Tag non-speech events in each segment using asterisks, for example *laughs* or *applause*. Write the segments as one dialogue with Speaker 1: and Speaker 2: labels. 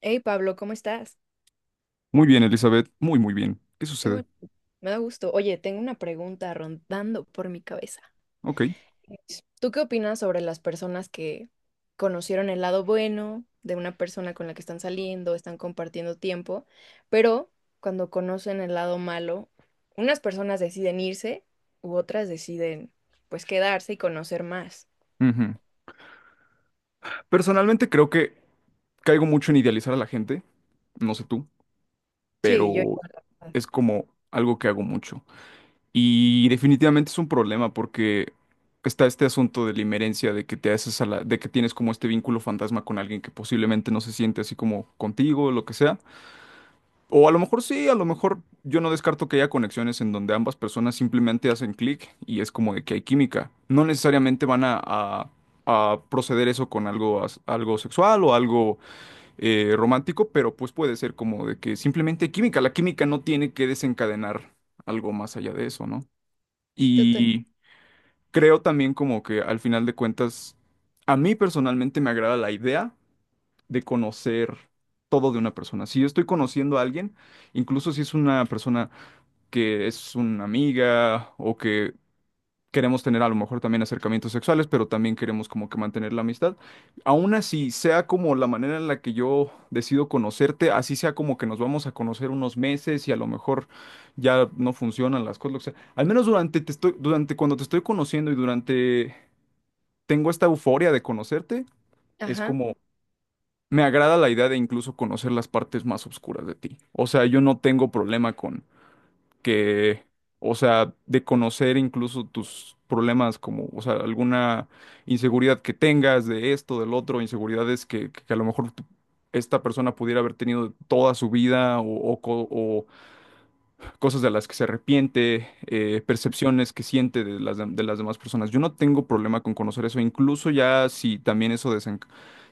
Speaker 1: Hey Pablo, ¿cómo estás?
Speaker 2: Muy bien, Elizabeth, muy, muy bien. ¿Qué
Speaker 1: Qué
Speaker 2: sucede?
Speaker 1: bueno, me da gusto. Oye, tengo una pregunta rondando por mi cabeza.
Speaker 2: Ok.
Speaker 1: Es, ¿tú qué opinas sobre las personas que conocieron el lado bueno de una persona con la que están saliendo, están compartiendo tiempo, pero cuando conocen el lado malo, unas personas deciden irse u otras deciden pues quedarse y conocer más?
Speaker 2: Ujú. Personalmente creo que caigo mucho en idealizar a la gente, no sé tú,
Speaker 1: Sí, yo
Speaker 2: pero
Speaker 1: igual, la verdad.
Speaker 2: es como algo que hago mucho. Y definitivamente es un problema porque está este asunto de la inmerencia, de que te haces a la, de que tienes como este vínculo fantasma con alguien que posiblemente no se siente así como contigo, lo que sea. O a lo mejor sí, a lo mejor yo no descarto que haya conexiones en donde ambas personas simplemente hacen clic y es como de que hay química. No necesariamente van a, a proceder eso con algo, algo sexual o algo romántico, pero pues puede ser como de que simplemente hay química. La química no tiene que desencadenar algo más allá de eso, ¿no?
Speaker 1: Total-
Speaker 2: Y creo también como que al final de cuentas, a mí personalmente me agrada la idea de conocer todo de una persona. Si yo estoy conociendo a alguien, incluso si es una persona que es una amiga o que queremos tener a lo mejor también acercamientos sexuales, pero también queremos como que mantener la amistad, aún así sea como la manera en la que yo decido conocerte, así sea como que nos vamos a conocer unos meses y a lo mejor ya no funcionan las cosas, lo que sea. Al menos durante cuando te estoy conociendo y durante tengo esta euforia de conocerte, es
Speaker 1: Ajá.
Speaker 2: como me agrada la idea de incluso conocer las partes más oscuras de ti. O sea, yo no tengo problema con que, o sea, de conocer incluso tus problemas como, o sea, alguna inseguridad que tengas de esto, del otro, inseguridades que a lo mejor esta persona pudiera haber tenido toda su vida o cosas de las que se arrepiente, percepciones que siente de las, de las demás personas. Yo no tengo problema con conocer eso, incluso ya si también eso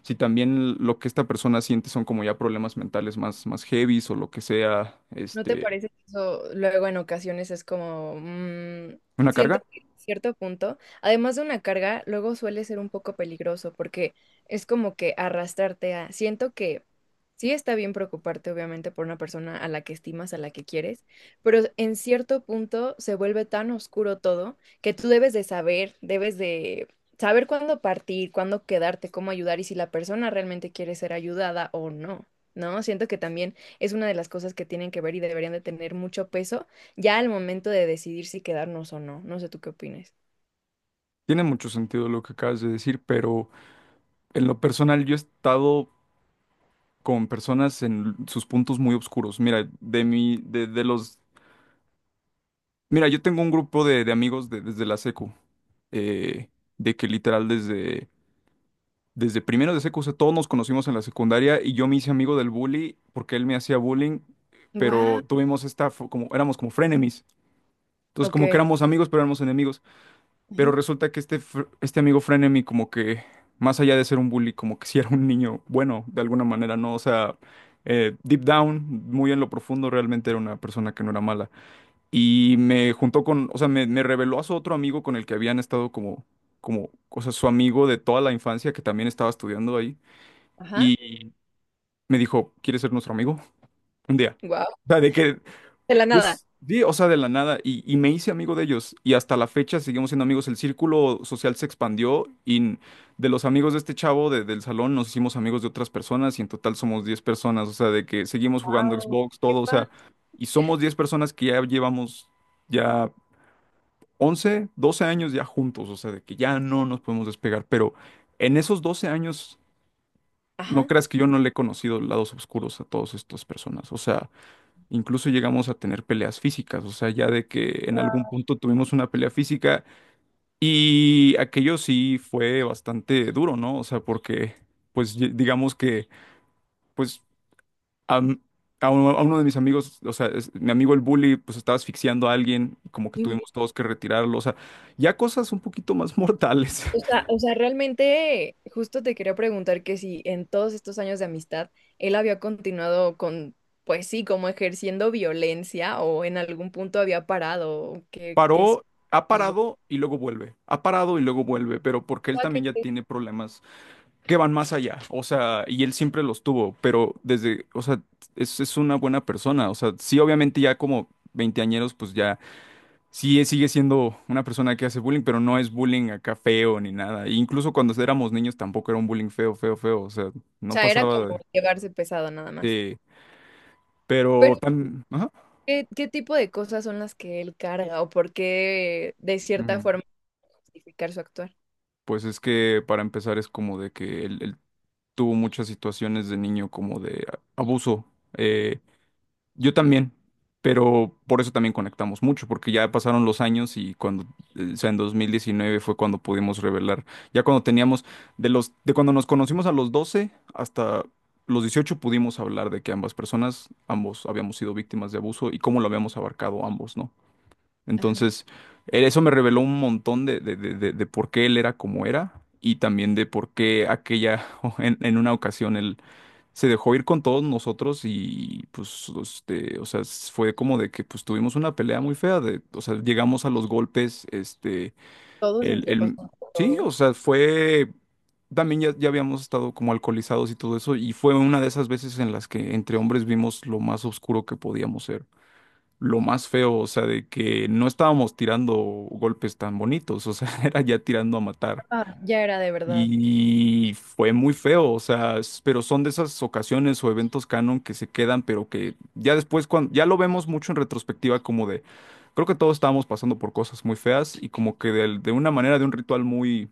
Speaker 2: si también lo que esta persona siente son como ya problemas mentales más heavies o lo que sea,
Speaker 1: ¿No te
Speaker 2: este,
Speaker 1: parece que eso luego en ocasiones es como,
Speaker 2: una
Speaker 1: siento
Speaker 2: carga.
Speaker 1: que en cierto punto, además de una carga, luego suele ser un poco peligroso porque es como que arrastrarte a, siento que sí está bien preocuparte obviamente por una persona a la que estimas, a la que quieres, pero en cierto punto se vuelve tan oscuro todo que tú debes de saber cuándo partir, cuándo quedarte, cómo ayudar y si la persona realmente quiere ser ayudada o no, ¿no? Siento que también es una de las cosas que tienen que ver y deberían de tener mucho peso ya al momento de decidir si quedarnos o no. No sé tú qué opines.
Speaker 2: Tiene mucho sentido lo que acabas de decir, pero en lo personal yo he estado con personas en sus puntos muy oscuros. Mira, de mi, de los, mira, yo tengo un grupo de amigos desde la secu, eh, de que literal desde primero de secu, o sea, todos nos conocimos en la secundaria y yo me hice amigo del bully porque él me hacía bullying,
Speaker 1: Wow.
Speaker 2: pero tuvimos esta, éramos como frenemies. Entonces,
Speaker 1: Ok.
Speaker 2: como que éramos amigos, pero éramos enemigos. Pero
Speaker 1: Ujú.
Speaker 2: resulta que este, este amigo frenemy, como que, más allá de ser un bully, como que sí era un niño bueno, de alguna manera, ¿no? O sea, deep down, muy en lo profundo, realmente era una persona que no era mala. Y me juntó con, o sea, me reveló a su otro amigo con el que habían estado como, o sea, su amigo de toda la infancia que también estaba estudiando ahí
Speaker 1: Ajá.
Speaker 2: y me dijo, ¿quieres ser nuestro amigo? *laughs* Un día.
Speaker 1: Wow.
Speaker 2: O sea, de que
Speaker 1: De la
Speaker 2: yo
Speaker 1: nada.
Speaker 2: sí, o sea, de la nada, y me hice amigo de ellos, y hasta la fecha seguimos siendo amigos, el círculo social se expandió, de los amigos de este chavo del salón nos hicimos amigos de otras personas, y en total somos 10 personas, o sea, de que seguimos jugando
Speaker 1: Wow.
Speaker 2: Xbox,
Speaker 1: Qué
Speaker 2: todo, o
Speaker 1: padre.
Speaker 2: sea, y somos 10 personas que ya llevamos ya 11 12 años ya juntos, o sea, de que ya no nos podemos despegar, pero en esos 12 años no
Speaker 1: Ajá.
Speaker 2: creas que yo no le he conocido lados oscuros a todas estas personas. O sea, incluso llegamos a tener peleas físicas. O sea, ya de que en algún punto tuvimos una pelea física y aquello sí fue bastante duro, ¿no? O sea, porque, pues, digamos que, pues, a, m- a uno de mis amigos, o sea, mi amigo el bully, pues estaba asfixiando a alguien, como que tuvimos
Speaker 1: Inve-
Speaker 2: todos que retirarlo. O sea, ya cosas un poquito más mortales. *laughs*
Speaker 1: O sea, realmente justo te quería preguntar que si en todos estos años de amistad él había continuado con, pues sí, como ejerciendo violencia o en algún punto había parado, o qué, qué es,
Speaker 2: Paró Ha
Speaker 1: qué sucedió.
Speaker 2: parado y luego vuelve, ha parado y luego vuelve, pero porque
Speaker 1: O
Speaker 2: él
Speaker 1: sea,
Speaker 2: también
Speaker 1: que-
Speaker 2: ya
Speaker 1: o
Speaker 2: tiene problemas que van más allá, o sea, y él siempre los tuvo, pero desde, o sea, es una buena persona, o sea, sí, obviamente ya como veinteañeros, pues ya, sí, sigue siendo una persona que hace bullying, pero no es bullying acá feo ni nada, e incluso cuando éramos niños tampoco era un bullying feo, feo, feo, o sea, no
Speaker 1: sea, era
Speaker 2: pasaba
Speaker 1: como llevarse pesado nada más.
Speaker 2: de, sí, pero
Speaker 1: Pero
Speaker 2: tan, ajá,
Speaker 1: ¿qué, qué tipo de cosas son las que él carga o por qué de cierta
Speaker 2: ujú.
Speaker 1: forma justificar su actuar?
Speaker 2: Pues es que para empezar es como de que él tuvo muchas situaciones de niño como de abuso. Eh, Yo también, pero por eso también conectamos mucho, porque ya pasaron los años y cuando, o sea, en 2019 fue cuando pudimos revelar, ya cuando teníamos, de los, de cuando nos conocimos a los 12 hasta los 18 pudimos hablar de que ambas personas, ambos habíamos sido víctimas de abuso y cómo lo habíamos abarcado ambos, ¿no?
Speaker 1: Ajá.
Speaker 2: Entonces, eso me reveló un montón de por qué él era como era y también de por qué aquella, *laughs* en una ocasión él se dejó ir con todos nosotros y pues, este, o sea, fue como de que pues tuvimos una pelea muy fea, de, o sea, llegamos a los golpes, este,
Speaker 1: Todos
Speaker 2: el,
Speaker 1: entre, o
Speaker 2: el,
Speaker 1: sea,
Speaker 2: sí, o
Speaker 1: todos.
Speaker 2: sea, fue, también ya habíamos estado como alcoholizados y todo eso, y fue una de esas veces en las que entre hombres vimos lo más oscuro que podíamos ser. Lo más feo, o sea, de que no estábamos tirando golpes tan bonitos, o sea, *laughs* era ya tirando a matar.
Speaker 1: Ah, ya era de verdad.
Speaker 2: Y fue muy feo, o sea, pero son de esas ocasiones o eventos canon que se quedan, pero que ya después, cuando, ya lo vemos mucho en retrospectiva, como de, creo que todos estábamos pasando por cosas muy feas y como que de una manera, de un ritual muy,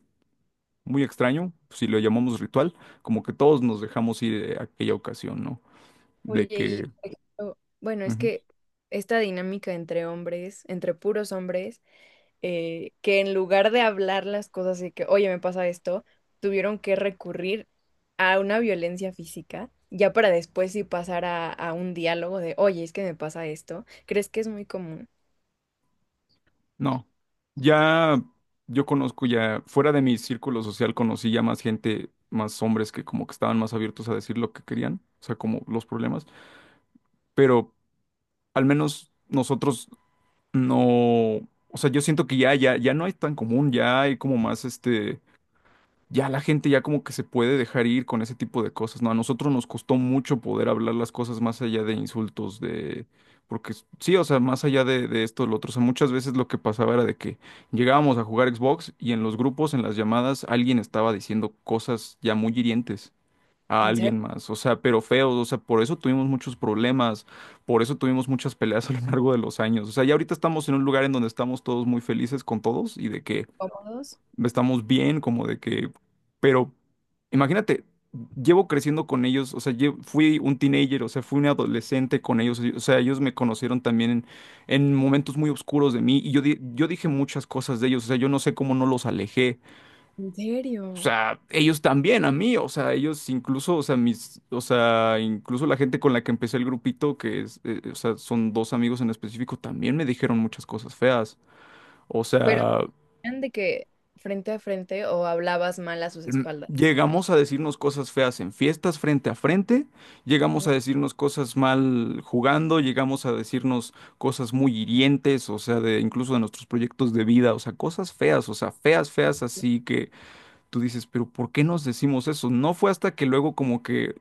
Speaker 2: muy extraño, si lo llamamos ritual, como que todos nos dejamos ir de aquella ocasión, ¿no? De
Speaker 1: Oye,
Speaker 2: que...
Speaker 1: y por ejemplo, bueno, es que esta dinámica entre hombres, entre puros hombres, que en lugar de hablar las cosas y que, oye, me pasa esto, tuvieron que recurrir a una violencia física, ya para después sí pasar a un diálogo de, oye, es que me pasa esto. ¿Crees que es muy común?
Speaker 2: No, ya yo conozco ya, fuera de mi círculo social conocí ya más gente, más hombres que como que estaban más abiertos a decir lo que querían, o sea, como los problemas, pero al menos nosotros no, o sea, yo siento que ya, ya, ya no es tan común, ya hay como más este ya la gente ya como que se puede dejar ir con ese tipo de cosas, ¿no? A nosotros nos costó mucho poder hablar las cosas más allá de insultos, de... Porque sí, o sea, más allá de esto, lo otro, o sea, muchas veces lo que pasaba era de que llegábamos a jugar Xbox y en los grupos, en las llamadas, alguien estaba diciendo cosas ya muy hirientes a
Speaker 1: ¿En serio?
Speaker 2: alguien más, o sea, pero feos, o sea, por eso tuvimos muchos problemas, por eso tuvimos muchas peleas a lo largo de los años, o sea, ya ahorita estamos en un lugar en donde estamos todos muy felices con todos y de que
Speaker 1: ¿Cómodos?
Speaker 2: estamos bien, como de que, pero imagínate, llevo creciendo con ellos, o sea, fui un teenager, o sea, fui un adolescente con ellos, o sea, ellos me conocieron también en momentos muy oscuros de mí y yo, yo dije muchas cosas de ellos, o sea, yo no sé cómo no los alejé,
Speaker 1: ¿En
Speaker 2: o
Speaker 1: serio?
Speaker 2: sea, ellos también a mí, o sea, ellos incluso, o sea, mis, o sea, incluso la gente con la que empecé el grupito, que es, o sea, son dos amigos en específico, también me dijeron muchas cosas feas. O
Speaker 1: Pero
Speaker 2: sea,
Speaker 1: eran de que frente a frente o hablabas mal a sus
Speaker 2: mm,
Speaker 1: espaldas.
Speaker 2: llegamos a decirnos cosas feas en fiestas frente a frente, llegamos
Speaker 1: Ajá.
Speaker 2: a decirnos cosas mal jugando, llegamos a decirnos cosas muy hirientes, o sea, de incluso de nuestros proyectos de vida, o sea, cosas feas, o sea, feas, feas, así que tú dices, pero ¿por qué nos decimos eso? No fue hasta que luego como que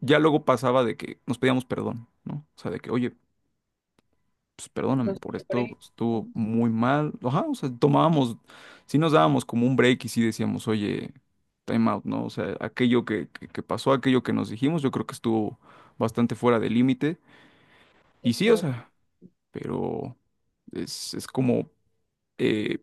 Speaker 2: ya luego pasaba de que nos pedíamos perdón, ¿no? O sea, de que, oye, pues perdóname
Speaker 1: Los
Speaker 2: por
Speaker 1: Por
Speaker 2: esto, pues, estuvo muy mal. Ajá, o sea, tomábamos, sí nos dábamos como un break y sí decíamos, oye, time out, ¿no? O sea, aquello que pasó, aquello que nos dijimos, yo creo que estuvo bastante fuera de límite.
Speaker 1: qué
Speaker 2: Y sí, o
Speaker 1: fuerte.
Speaker 2: sea, pero es como, eh,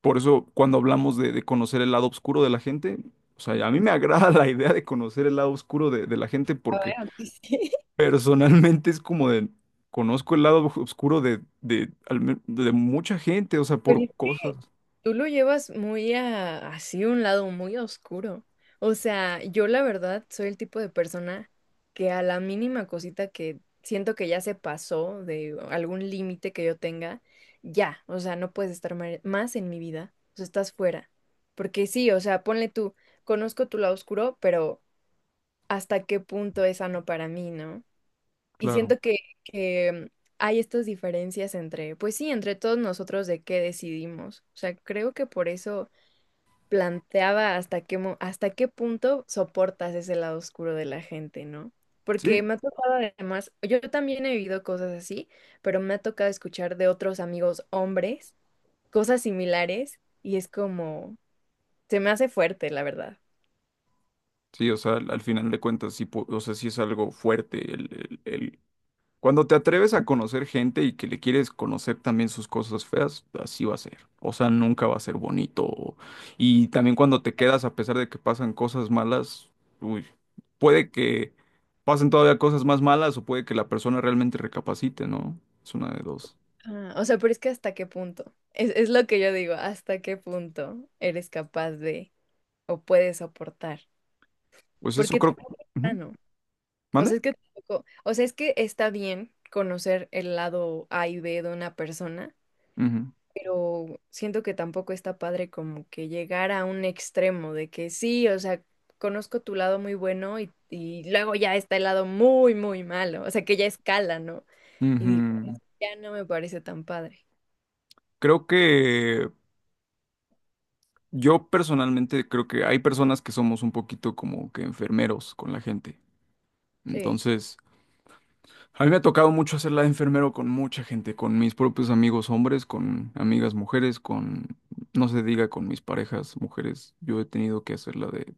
Speaker 2: por eso cuando hablamos de conocer el lado oscuro de la gente, o sea, a mí me agrada *laughs* la idea de conocer el lado oscuro de la gente.
Speaker 1: A ver, aunque sí.
Speaker 2: Personalmente es como de, conozco el lado oscuro de mucha gente, o sea,
Speaker 1: *laughs* Pero
Speaker 2: por
Speaker 1: es que
Speaker 2: cosas,
Speaker 1: tú lo llevas muy a, así un lado muy oscuro. O sea, yo la verdad soy el tipo de persona que a la mínima cosita que siento que ya se pasó de algún límite que yo tenga, ya, o sea, no puedes estar ma- más en mi vida, o sea, estás fuera. Porque sí, o sea, ponle tú, conozco tu lado oscuro, pero ¿hasta qué punto es sano para mí, no? Y
Speaker 2: claro.
Speaker 1: siento que hay estas diferencias entre, pues sí, entre todos nosotros de qué decidimos. O sea, creo que por eso planteaba hasta qué, mo- hasta qué punto soportas ese lado oscuro de la gente, ¿no?
Speaker 2: Sí,
Speaker 1: Porque me ha tocado además, yo también he vivido cosas así, pero me ha tocado escuchar de otros amigos hombres cosas similares y es como, se me hace fuerte, la verdad.
Speaker 2: sí, o sea, al final de cuentas, sí, o sea, sí es algo fuerte. Cuando te atreves a conocer gente y que le quieres conocer también sus cosas feas, así va a ser. O sea, nunca va a ser bonito. Y también cuando te quedas, a pesar de que pasan cosas malas, uy, puede que pasen todavía cosas más malas o puede que la persona realmente recapacite, ¿no? Es una de dos.
Speaker 1: Ah, o sea, pero es que hasta qué punto, es lo que yo digo, hasta qué punto eres capaz de o puedes soportar,
Speaker 2: Pues eso
Speaker 1: porque te...
Speaker 2: creo. Ujú.
Speaker 1: O sea,
Speaker 2: ¿Mande?
Speaker 1: es que tampoco- o sea, es que está bien conocer el lado A y B de una persona,
Speaker 2: Ujú.
Speaker 1: pero siento que tampoco está padre como que llegar a un extremo de que sí, o sea, conozco tu lado muy bueno y luego ya está el lado muy, muy malo, o sea, que ya escala, ¿no? Y digo,
Speaker 2: Ujú.
Speaker 1: ya no me parece tan padre.
Speaker 2: Creo que Yo personalmente creo que hay personas que somos un poquito como que enfermeros con la gente.
Speaker 1: Sí,
Speaker 2: Entonces, a mí me ha tocado mucho hacerla de enfermero con mucha gente, con mis propios amigos hombres, con amigas mujeres, con, no se diga, con mis parejas mujeres. Yo he tenido que hacerla de,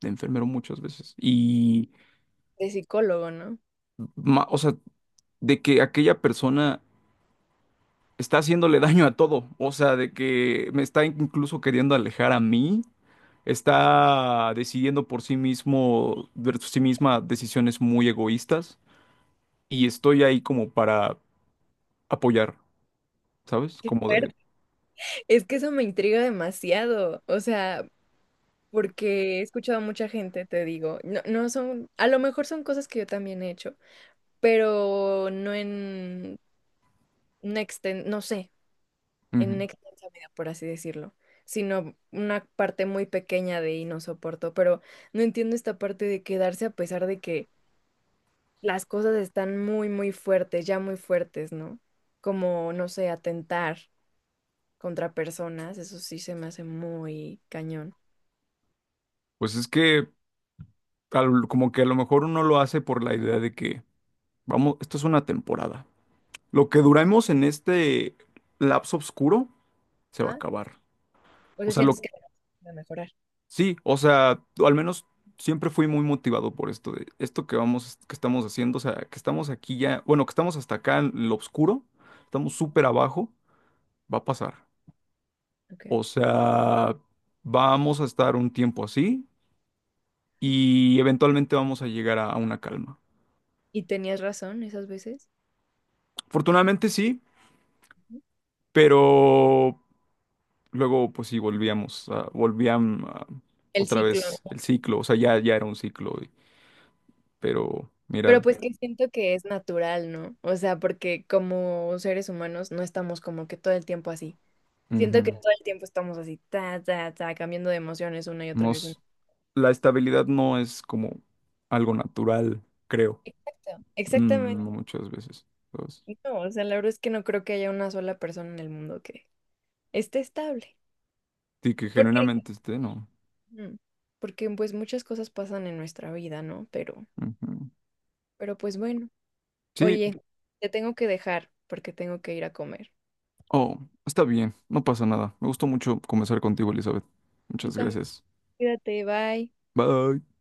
Speaker 2: de enfermero muchas veces. Y,
Speaker 1: de psicólogo, ¿no? *laughs*
Speaker 2: o sea, de que aquella persona está haciéndole daño a todo. O sea, de que me está incluso queriendo alejar a mí. Está decidiendo por sí mismo, por sí misma, decisiones muy egoístas. Y estoy ahí como para apoyar, ¿sabes?
Speaker 1: Qué
Speaker 2: Como de...
Speaker 1: fuerte. Es que eso me intriga demasiado, o sea, porque he escuchado a mucha gente, te digo, no, no son, a lo mejor son cosas que yo también he hecho pero no en una exten- no sé, en una
Speaker 2: "Ujú".
Speaker 1: extensa medida, por así decirlo, sino una parte muy pequeña de y no soporto, pero no entiendo esta parte de quedarse a pesar de que las cosas están muy, muy fuertes, ya muy fuertes, ¿no? Como, no sé, atentar contra personas, eso sí se me hace muy cañón.
Speaker 2: Pues es que como que a lo mejor uno lo hace por la idea de que, vamos, esto es una temporada. Lo que duramos en este lapso oscuro se va a
Speaker 1: ¿Ah?
Speaker 2: acabar.
Speaker 1: O
Speaker 2: O
Speaker 1: sea,
Speaker 2: sea, lo
Speaker 1: sientes que va a mejorar.
Speaker 2: Sí, o sea, al menos siempre fui muy motivado por esto de esto que vamos, que estamos haciendo, o sea, que estamos aquí ya, bueno, que estamos hasta acá en lo oscuro, estamos súper abajo, va a pasar.
Speaker 1: Ok.
Speaker 2: O sea, vamos a estar un tiempo así y eventualmente vamos a llegar a una calma.
Speaker 1: ¿Y tenías razón esas veces?
Speaker 2: Afortunadamente sí,
Speaker 1: Ujú.
Speaker 2: pero luego pues sí volvíamos,
Speaker 1: El
Speaker 2: otra
Speaker 1: ciclo,
Speaker 2: vez el ciclo, o sea, ya era un ciclo, pero mira,
Speaker 1: pero pues que siento que es natural, ¿no? O sea, porque como seres humanos no estamos como que todo el tiempo así. Siento que
Speaker 2: ujú,
Speaker 1: todo el tiempo estamos así, ta, ta, ta, cambiando de emociones una y otra
Speaker 2: no,
Speaker 1: vez. Una-
Speaker 2: la estabilidad no es como algo natural, creo.
Speaker 1: Exacto,
Speaker 2: Mm,
Speaker 1: exactamente.
Speaker 2: no muchas veces. ¿Sabes?
Speaker 1: No, o sea, la verdad es que no creo que haya una sola persona en el mundo que esté estable.
Speaker 2: Y que
Speaker 1: ¿Por qué?
Speaker 2: genuinamente esté, no.
Speaker 1: Mm, porque pues muchas cosas pasan en nuestra vida, ¿no?
Speaker 2: Ujú.
Speaker 1: Pero pues bueno.
Speaker 2: Sí,
Speaker 1: Oye, te tengo que dejar porque tengo que ir a comer.
Speaker 2: oh, está bien, no pasa nada. Me gustó mucho conversar contigo, Elizabeth.
Speaker 1: A mí
Speaker 2: Muchas
Speaker 1: también.
Speaker 2: gracias.
Speaker 1: Cuídate, bye.
Speaker 2: Bye.